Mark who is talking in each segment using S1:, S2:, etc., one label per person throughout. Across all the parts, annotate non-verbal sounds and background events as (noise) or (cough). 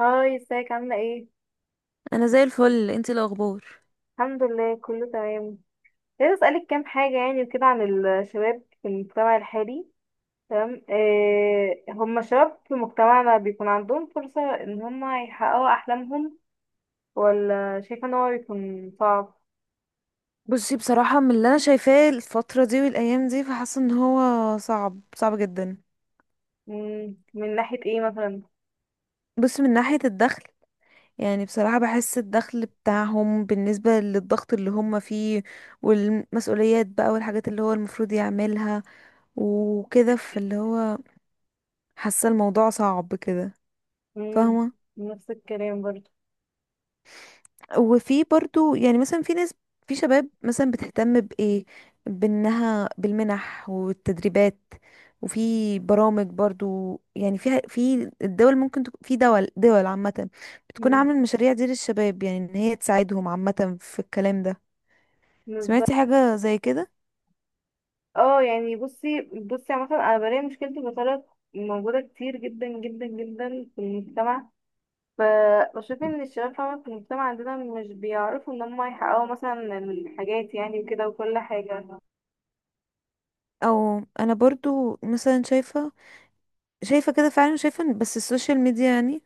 S1: هاي، ازيك؟ عاملة ايه؟
S2: انا زي الفل. انتي الاخبار؟
S1: الحمد لله، كله تمام. عايزة اسألك كام حاجة يعني وكده عن الشباب في المجتمع الحالي. تمام. إيه، هما شباب في مجتمعنا بيكون عندهم فرصة ان هما يحققوا احلامهم ولا شايفة ان هو بيكون صعب؟
S2: بصي، بصراحة من اللي انا شايفاه الفترة دي والايام دي فحاسة ان هو صعب صعب جدا.
S1: من ناحية ايه مثلا؟
S2: بصي، من ناحية الدخل. يعني بصراحة بحس الدخل بتاعهم بالنسبة للضغط اللي هم فيه والمسؤوليات بقى والحاجات اللي هو المفروض يعملها وكده فاللي هو حاسة الموضوع صعب كده.
S1: مم،
S2: فاهمة؟
S1: نفس الكلام برضه.
S2: وفي برضو يعني مثلا في ناس، في شباب مثلا بتهتم بإيه، بأنها بالمنح والتدريبات. وفي برامج برضو يعني فيها، في الدول ممكن تكون في دول عامة بتكون
S1: مم،
S2: عاملة المشاريع دي للشباب، يعني ان هي تساعدهم عامة في الكلام ده. سمعتي
S1: بالظبط.
S2: حاجة زي كده؟
S1: اه يعني، بصي بصي، عامة انا بلاقي مشكلتي بطريقة موجودة كتير جدا جدا جدا في المجتمع. فبشوف ان الشباب فعلا في المجتمع عندنا مش بيعرفوا ان هم يحققوا مثلا الحاجات يعني وكده وكل حاجة.
S2: او انا برضو مثلا شايفة كده فعلا. شايفة بس السوشيال ميديا يعني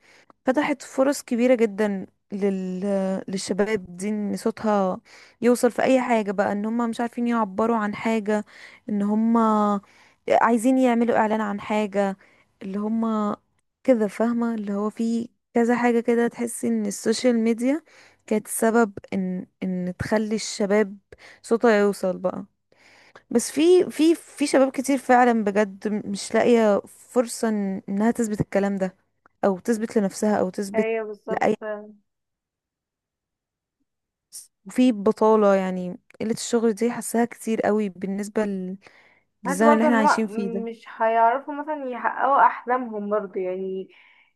S2: فتحت فرص كبيرة جدا للشباب دي ان صوتها يوصل في اي حاجة بقى، ان هم مش عارفين يعبروا عن حاجة، ان هم عايزين يعملوا اعلان عن حاجة اللي هم كده. فاهمة اللي هو في كذا حاجة كده، تحسي ان السوشيال ميديا كانت سبب ان تخلي الشباب صوتها يوصل بقى. بس في في شباب كتير فعلا بجد مش لاقية فرصة انها تثبت الكلام ده او تثبت لنفسها او تثبت
S1: ايوه، بالظبط
S2: لأي.
S1: فعلا.
S2: وفي بطالة، يعني قلة الشغل دي حاساها كتير قوي بالنسبة
S1: بحس
S2: للزمن اللي
S1: برضه
S2: احنا
S1: ان
S2: عايشين فيه
S1: هم
S2: ده.
S1: مش هيعرفوا مثلا يحققوا احلامهم برضه يعني.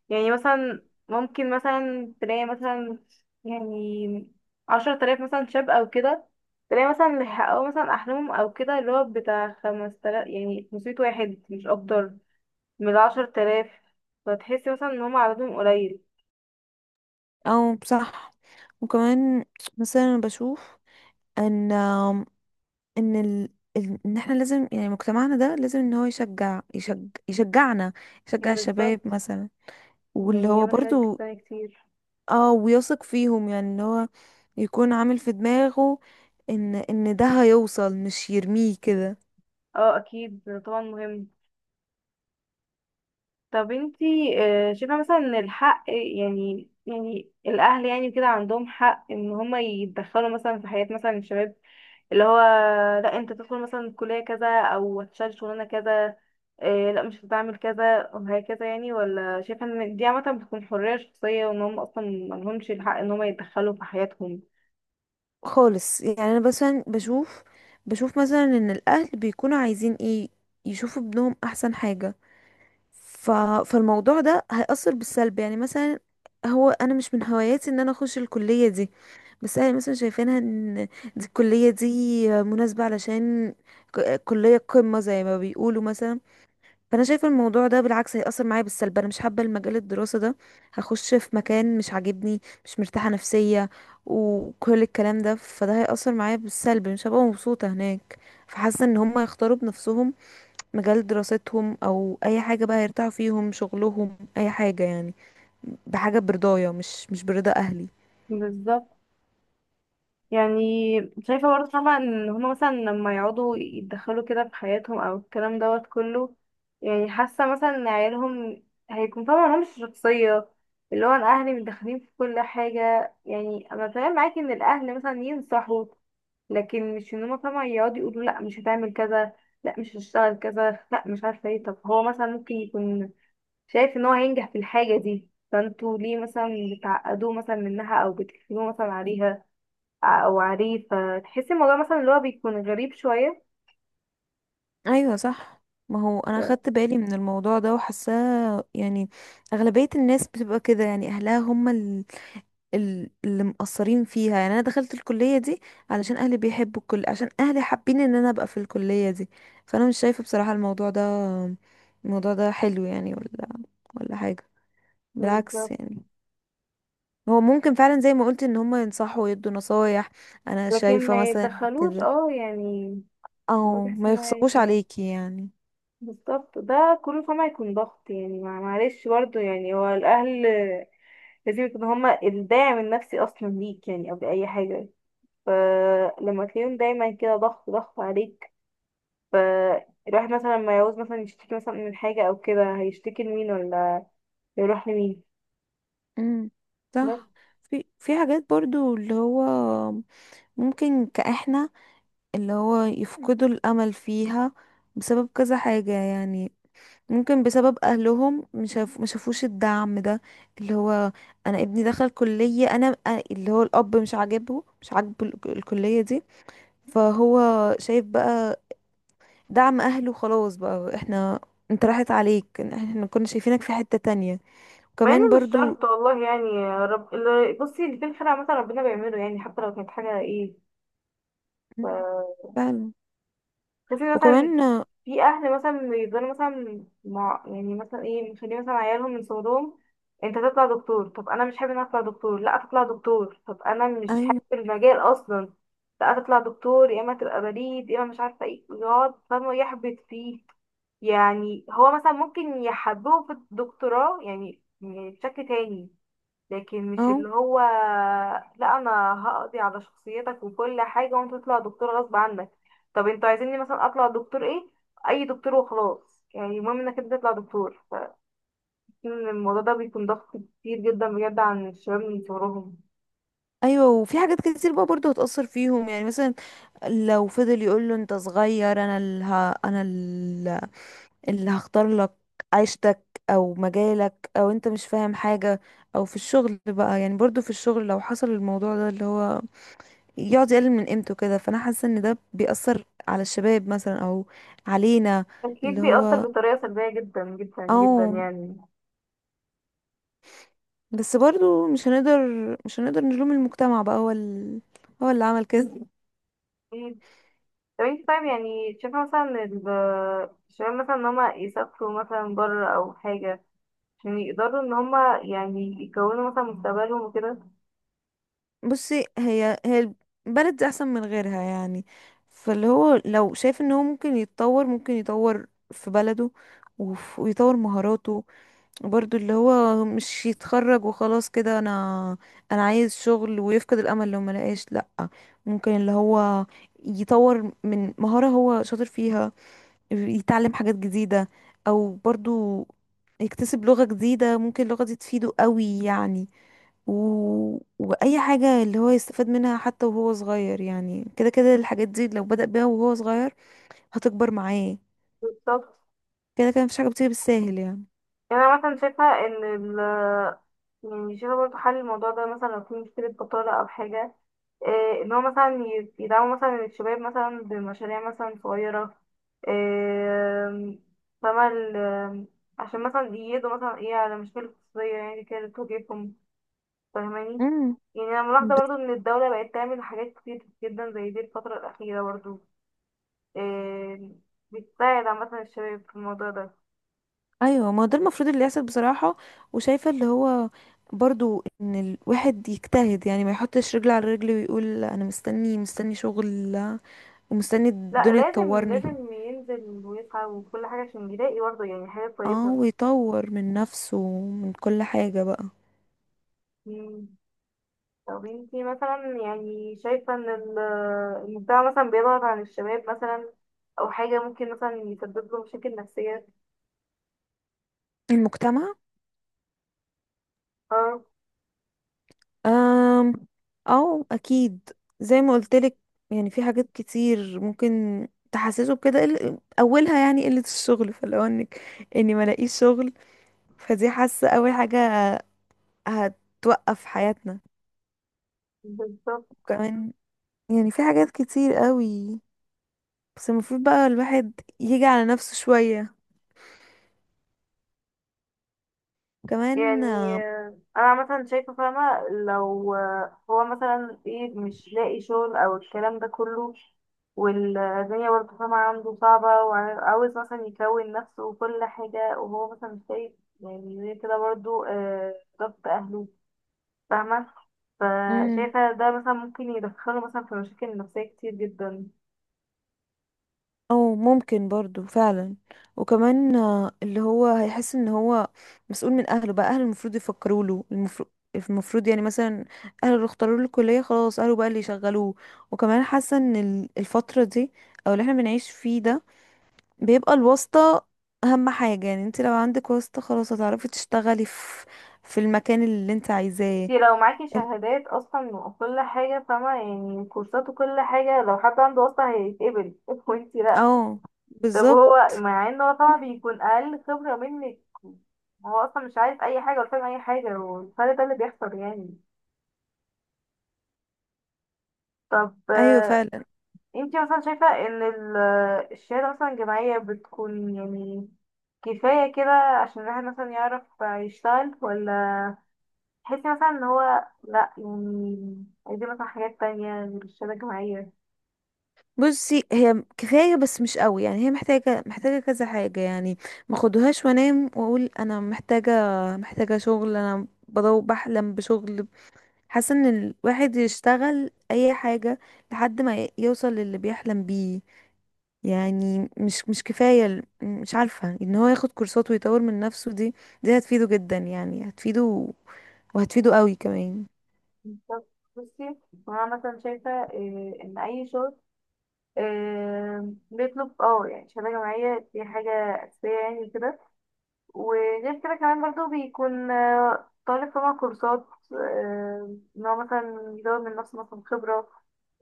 S1: يعني مثلا، ممكن مثلا تلاقي مثلا يعني 10000 مثلا شاب او كده، تلاقي مثلا اللي حققوا مثلا احلامهم او كده اللي هو بتاع 5000، يعني 500 واحد مش اكتر، من 10000. فتحسي مثلا ان هم عددهم قليل.
S2: او صح. وكمان مثلا أنا بشوف ان ان ال... ان احنا لازم، يعني مجتمعنا ده لازم ان هو يشجع، يشجعنا، يشجع الشباب
S1: بالظبط.
S2: مثلا. واللي
S1: يعني
S2: هو
S1: يعمل حاجات
S2: برضو،
S1: جسمانية كتير.
S2: اه، ويثق فيهم يعني اللي هو يكون عامل في دماغه ان ده هيوصل مش يرميه كده
S1: اه، اكيد طبعا مهم. طب انتي، شايفة مثلا ان الحق، يعني يعني الاهل يعني كده عندهم حق ان هما يتدخلوا مثلا في حياة مثلا الشباب، اللي هو: لا، انت تدخل مثلا كلية كذا او هتشتغل شغلانة كذا، لا مش هتعمل كذا وهكذا، يعني؟ ولا شايفة ان دي عامة بتكون حرية شخصية، وان هم اصلا ملهمش الحق ان هما يتدخلوا في حياتهم؟
S2: خالص. يعني انا مثلا بشوف، مثلا ان الاهل بيكونوا عايزين ايه، يشوفوا ابنهم احسن حاجة. ف... فالموضوع ده هيأثر بالسلب، يعني مثلا هو انا مش من هواياتي ان انا اخش الكلية دي، بس انا مثلا شايفينها ان دي الكلية دي مناسبة، علشان كلية قمة زي ما بيقولوا مثلا. فانا شايفه الموضوع ده بالعكس هيأثر معايا بالسلب، انا مش حابه المجال الدراسه ده، هخش في مكان مش عاجبني، مش مرتاحه نفسيه وكل الكلام ده، فده هيأثر معايا بالسلب، مش هبقى مبسوطه هناك. فحاسه ان هم يختاروا بنفسهم مجال دراستهم او اي حاجه بقى يرتاحوا فيهم، شغلهم اي حاجه يعني بحاجه برضايا، مش برضا اهلي.
S1: بالظبط. يعني شايفة برضه طبعا ان هما مثلا لما يقعدوا يتدخلوا كده في حياتهم او الكلام دوت كله، يعني حاسة مثلا ان عيالهم هيكون فاهمة لهمش شخصية، اللي هو: انا اهلي متدخلين في كل حاجة. يعني انا تمام معاكي ان الاهل مثلا ينصحوا، لكن مش ان هما فاهمة يقعدوا يقولوا: لا، مش هتعمل كذا، لا، مش هتشتغل كذا، لا، مش عارفة ايه. طب هو مثلا ممكن يكون شايف ان هو هينجح في الحاجة دي، فانتوا ليه مثلا بتعقدوه مثلا منها او بتقفلوه مثلا عليها او عريف؟ فتحسي الموضوع مثلا اللي هو بيكون غريب شويه.
S2: ايوه صح. ما هو انا خدت بالي من الموضوع ده وحاساه يعني. اغلبيه الناس بتبقى كده، يعني اهلها هم اللي مقصرين فيها. يعني انا دخلت الكليه دي علشان اهلي بيحبوا الكل، عشان اهلي حابين ان انا ابقى في الكليه دي. فانا مش شايفه بصراحه الموضوع ده، الموضوع ده حلو يعني، ولا حاجه. بالعكس
S1: بالظبط،
S2: يعني. هو ممكن فعلا زي ما قلت ان هم ينصحوا ويدوا نصايح، انا
S1: لكن
S2: شايفه
S1: ما
S2: مثلا
S1: يتدخلوش،
S2: كده،
S1: اه يعني. برضه
S2: او
S1: تحسي
S2: ما
S1: ان هو
S2: يخصقوش عليكي يعني.
S1: بالظبط، ده كله فما هيكون ضغط يعني. معلش برضه، يعني هو الاهل لازم يكونوا هما الداعم النفسي اصلا ليك، يعني قبل اي حاجه. فلما تلاقيهم دايما كده ضغط ضغط عليك، فالواحد مثلا لما يعوز مثلا يشتكي مثلا من حاجه او كده، هيشتكي لمين ولا يروح لمين؟
S2: امم، صح. في حاجات برضو اللي هو ممكن كاحنا اللي هو يفقدوا الأمل فيها بسبب كذا حاجة يعني، ممكن بسبب أهلهم، مشافوش الدعم ده. اللي هو أنا ابني دخل كلية، اللي هو الأب مش عاجبه الكلية دي. فهو شايف بقى دعم أهله خلاص بقى، احنا، انت راحت عليك، احنا كنا شايفينك في حتة تانية.
S1: مع
S2: وكمان
S1: ان مش
S2: برضو
S1: شرط، والله، يعني يا رب. بصي، اللي في الخير عامة ربنا بيعمله، يعني حتى لو كانت حاجة ايه. ف
S2: فعلا.
S1: تحسي مثلا
S2: وكمان،
S1: في اهل مثلا بيفضلوا مثلا مع، يعني مثلا ايه، مخلين مثلا عيالهم من صغرهم: انت تطلع دكتور. طب انا مش حابب ان أنا اطلع دكتور. لا، تطلع دكتور. طب انا مش حابب
S2: ايوه،
S1: المجال اصلا. لا، تطلع دكتور، يا اما تبقى بريد، يا اما مش عارفة ايه. يقعد فاهمة يحبط فيه. يعني هو مثلا ممكن يحببه في الدكتوراه يعني، يعني بشكل تاني، لكن مش
S2: اه.
S1: اللي هو: لا، انا هقضي على شخصيتك وكل حاجة وانت تطلع دكتور غصب عنك. طب انتوا عايزيني مثلا اطلع دكتور ايه؟ اي دكتور وخلاص، يعني المهم انك انت تطلع دكتور. فإن الموضوع ده بيكون ضغط كتير جدا بجد عن الشباب من صغرهم.
S2: ايوه، وفي حاجات كتير بقى برضو هتأثر فيهم، يعني مثلا لو فضل يقول له انت صغير، انا اللي ه... انا ال- اللي هختار لك عيشتك او مجالك، او انت مش فاهم حاجة. او في الشغل بقى، يعني برضو في الشغل لو حصل الموضوع ده اللي هو يقعد يقلل من قيمته كده، فانا حاسة ان ده بيأثر على الشباب مثلا او علينا
S1: اكيد
S2: اللي هو.
S1: بيأثر بطريقة سلبية جدا جدا جدا
S2: او
S1: يعني.
S2: بس برضو مش هنقدر نلوم المجتمع بقى، هو هو اللي عمل كده.
S1: أكيد. طب انت طيب، يعني شايفة مثلا إن الشباب مثلا ان هما يسافروا مثلا بره او حاجة عشان يقدروا ان هما يعني يكونوا مثلا مستقبلهم وكده؟
S2: بصي، هي البلد دي احسن من غيرها يعني. فاللي هو لو شايف ان هو ممكن يتطور، ممكن يطور في بلده ويطور مهاراته. برضو اللي هو مش يتخرج وخلاص كده، انا عايز شغل، ويفقد الامل لو ما لقاش، لا. ممكن اللي هو يطور من مهارة هو شاطر فيها، يتعلم حاجات جديدة، او برضو يكتسب لغة جديدة، ممكن اللغة دي تفيده قوي يعني. و... واي حاجة اللي هو يستفاد منها حتى وهو صغير يعني. كده كده الحاجات دي لو بدأ بيها وهو صغير هتكبر معاه.
S1: بالظبط.
S2: كده كده مفيش حاجة بتيجي بالساهل يعني.
S1: يعني انا مثلا شايفه ان ال يعني شايفه برضه حل الموضوع ده مثلا لو في مشكله بطاله او حاجه، إيه، ان هو مثلا يدعموا مثلا الشباب مثلا بمشاريع مثلا صغيره، إيه، فما ال- عشان مثلا يقضوا مثلا ايه على مشاكل اقتصاديه يعني كده بتواجههم، فاهماني؟
S2: امم،
S1: يعني انا ملاحظه
S2: ب...
S1: برضه ان الدوله بقت تعمل حاجات كتير جدا زي دي الفتره الاخيره برضه، إيه، بتساعد عامه الشباب في الموضوع ده.
S2: ايوه. ما هو ده المفروض اللي يحصل بصراحة. وشايفة اللي هو برضو ان الواحد يجتهد يعني، ما يحطش رجل على رجل ويقول انا مستني شغل، ومستني
S1: لا،
S2: الدنيا
S1: لازم
S2: تطورني.
S1: لازم ينزل ويسعى وكل حاجة عشان يلاقي برضه يعني حاجة
S2: اه،
S1: كويسة.
S2: ويطور من نفسه من كل حاجة بقى.
S1: مم. طب انتي مثلا، يعني شايفة ان المجتمع مثلا بيضغط عن الشباب مثلا، أو حاجة ممكن مثلا يسبب له مشاكل نفسية؟
S2: المجتمع؟
S1: اه.
S2: أم أو أكيد. زي ما قلتلك، يعني في حاجات كتير ممكن تحسسه بكده، أولها يعني قلة الشغل، فلو إنك، إني ملاقيش شغل، فدي حاسة أول حاجة هتوقف حياتنا.
S1: بالظبط
S2: وكمان يعني في حاجات كتير قوي، بس المفروض بقى الواحد يجي على نفسه شوية كمان.
S1: يعني. انا مثلا شايفه فاهمه، لو هو مثلا ايه مش لاقي شغل او الكلام ده كله، والدنيا برضه فاهمه عنده صعبه، وعاوز مثلا يكون نفسه وكل حاجه، وهو مثلا شايف يعني زي كده برضه ضغط اهله، فاهمه، فشايفه ده مثلا ممكن يدخله مثلا في مشاكل نفسيه كتير جدا.
S2: او ممكن برضو فعلا. وكمان اللي هو هيحس ان هو مسؤول من اهله بقى، اهله المفروض يفكروا له، المفروض يعني مثلا اهله اللي اختاروا له الكليه، خلاص اهله بقى اللي يشغلوه. وكمان حاسه ان الفتره دي، او اللي احنا بنعيش فيه ده، بيبقى الواسطه اهم حاجه. يعني انت لو عندك واسطه، خلاص هتعرفي تشتغلي في المكان اللي انت عايزاه.
S1: انتي لو معاكي شهادات اصلا وكل حاجه، فاهمه، يعني كورسات وكل حاجه، لو حد عنده اصلا هيتقبل (laughs) وانتي لا.
S2: اه،
S1: طب
S2: بالظبط.
S1: هو مع ان هو طبعا بيكون اقل خبرة منك، هو اصلا مش عارف اي حاجة ولا فاهم اي حاجة، والفرق ده اللي بيحصل يعني. طب
S2: ايوه فعلا.
S1: انتي مثلا شايفة ان الشهادة مثلا الجامعية بتكون يعني كفاية كده عشان الواحد مثلا يعرف يشتغل، ولا تحسي مثلا ان هو لا، يعني عايزين مثلا حاجات تانية غير الشهادة الجامعية؟
S2: بصي، هي كفايه بس مش قوي يعني، هي محتاجه كذا حاجه يعني. ما خدوهاش وانام واقول انا محتاجه شغل، انا بدور بحلم بشغل. حاسه ان الواحد يشتغل اي حاجه لحد ما يوصل للي بيحلم بيه. يعني مش كفايه، مش عارفه ان هو ياخد كورسات ويطور من نفسه. دي هتفيده جدا يعني، هتفيده وهتفيده قوي كمان.
S1: طب بصي، هو انا مثلا شايفة ان اي شغل بيطلب اه يعني شهادة جامعية، دي حاجة أساسية يعني كده. وغير كده كمان برضو بيكون طالب طبعا كورسات، إن هو مثلا يزود من نفسه مثلا خبرة،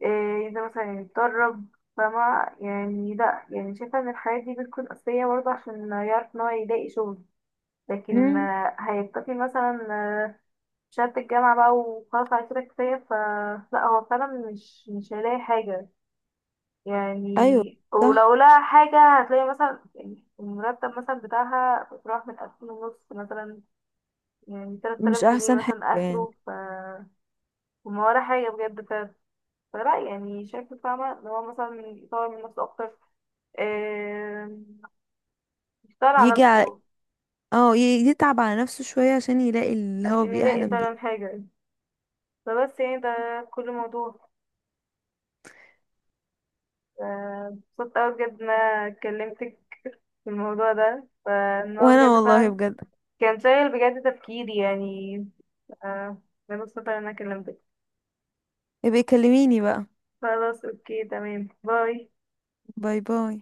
S1: آه، ينزل مثلا يتدرب. فما يعني، لأ، يعني شايفة إن الحاجات دي بتكون أساسية برضه عشان يعرف إن هو يلاقي شغل. لكن
S2: امم،
S1: هيكتفي مثلا بشهادة الجامعة بقى وخلاص، على كده كفاية؟ فلا، هو فعلا مش مش هيلاقي حاجة. يعني
S2: ايوه صح.
S1: ولو لها حاجة، هتلاقي مثلا يعني المرتب مثلا بتاعها بتروح من 2500 مثلا، يعني تلات
S2: مش
S1: آلاف جنيه
S2: احسن حاجه
S1: مثلا
S2: يعني.
S1: آخره. وما ولا حاجة بجد. فلا، يعني شايفة فاهمة إن هو مثلا يطور من نفسه أكتر، آم، يشتغل على
S2: يجي،
S1: نفسه
S2: اه ي- يتعب على نفسه شوية عشان يلاقي اللي هو
S1: عشان يلاقي
S2: بيحلم بيه.
S1: فعلا حاجة. فبس، يعني ده كل موضوع. اتبسطت أوي بجد إن أنا كلمتك في الموضوع ده، فإن هو
S2: وانا
S1: بجد
S2: والله
S1: فعلا
S2: بجد.
S1: كان شايل بجد تفكيري يعني. آه، أنا مبسوطة إن أنا كلمتك.
S2: يبقى كلميني بقى.
S1: خلاص، أوكي، تمام، باي.
S2: باي، باي.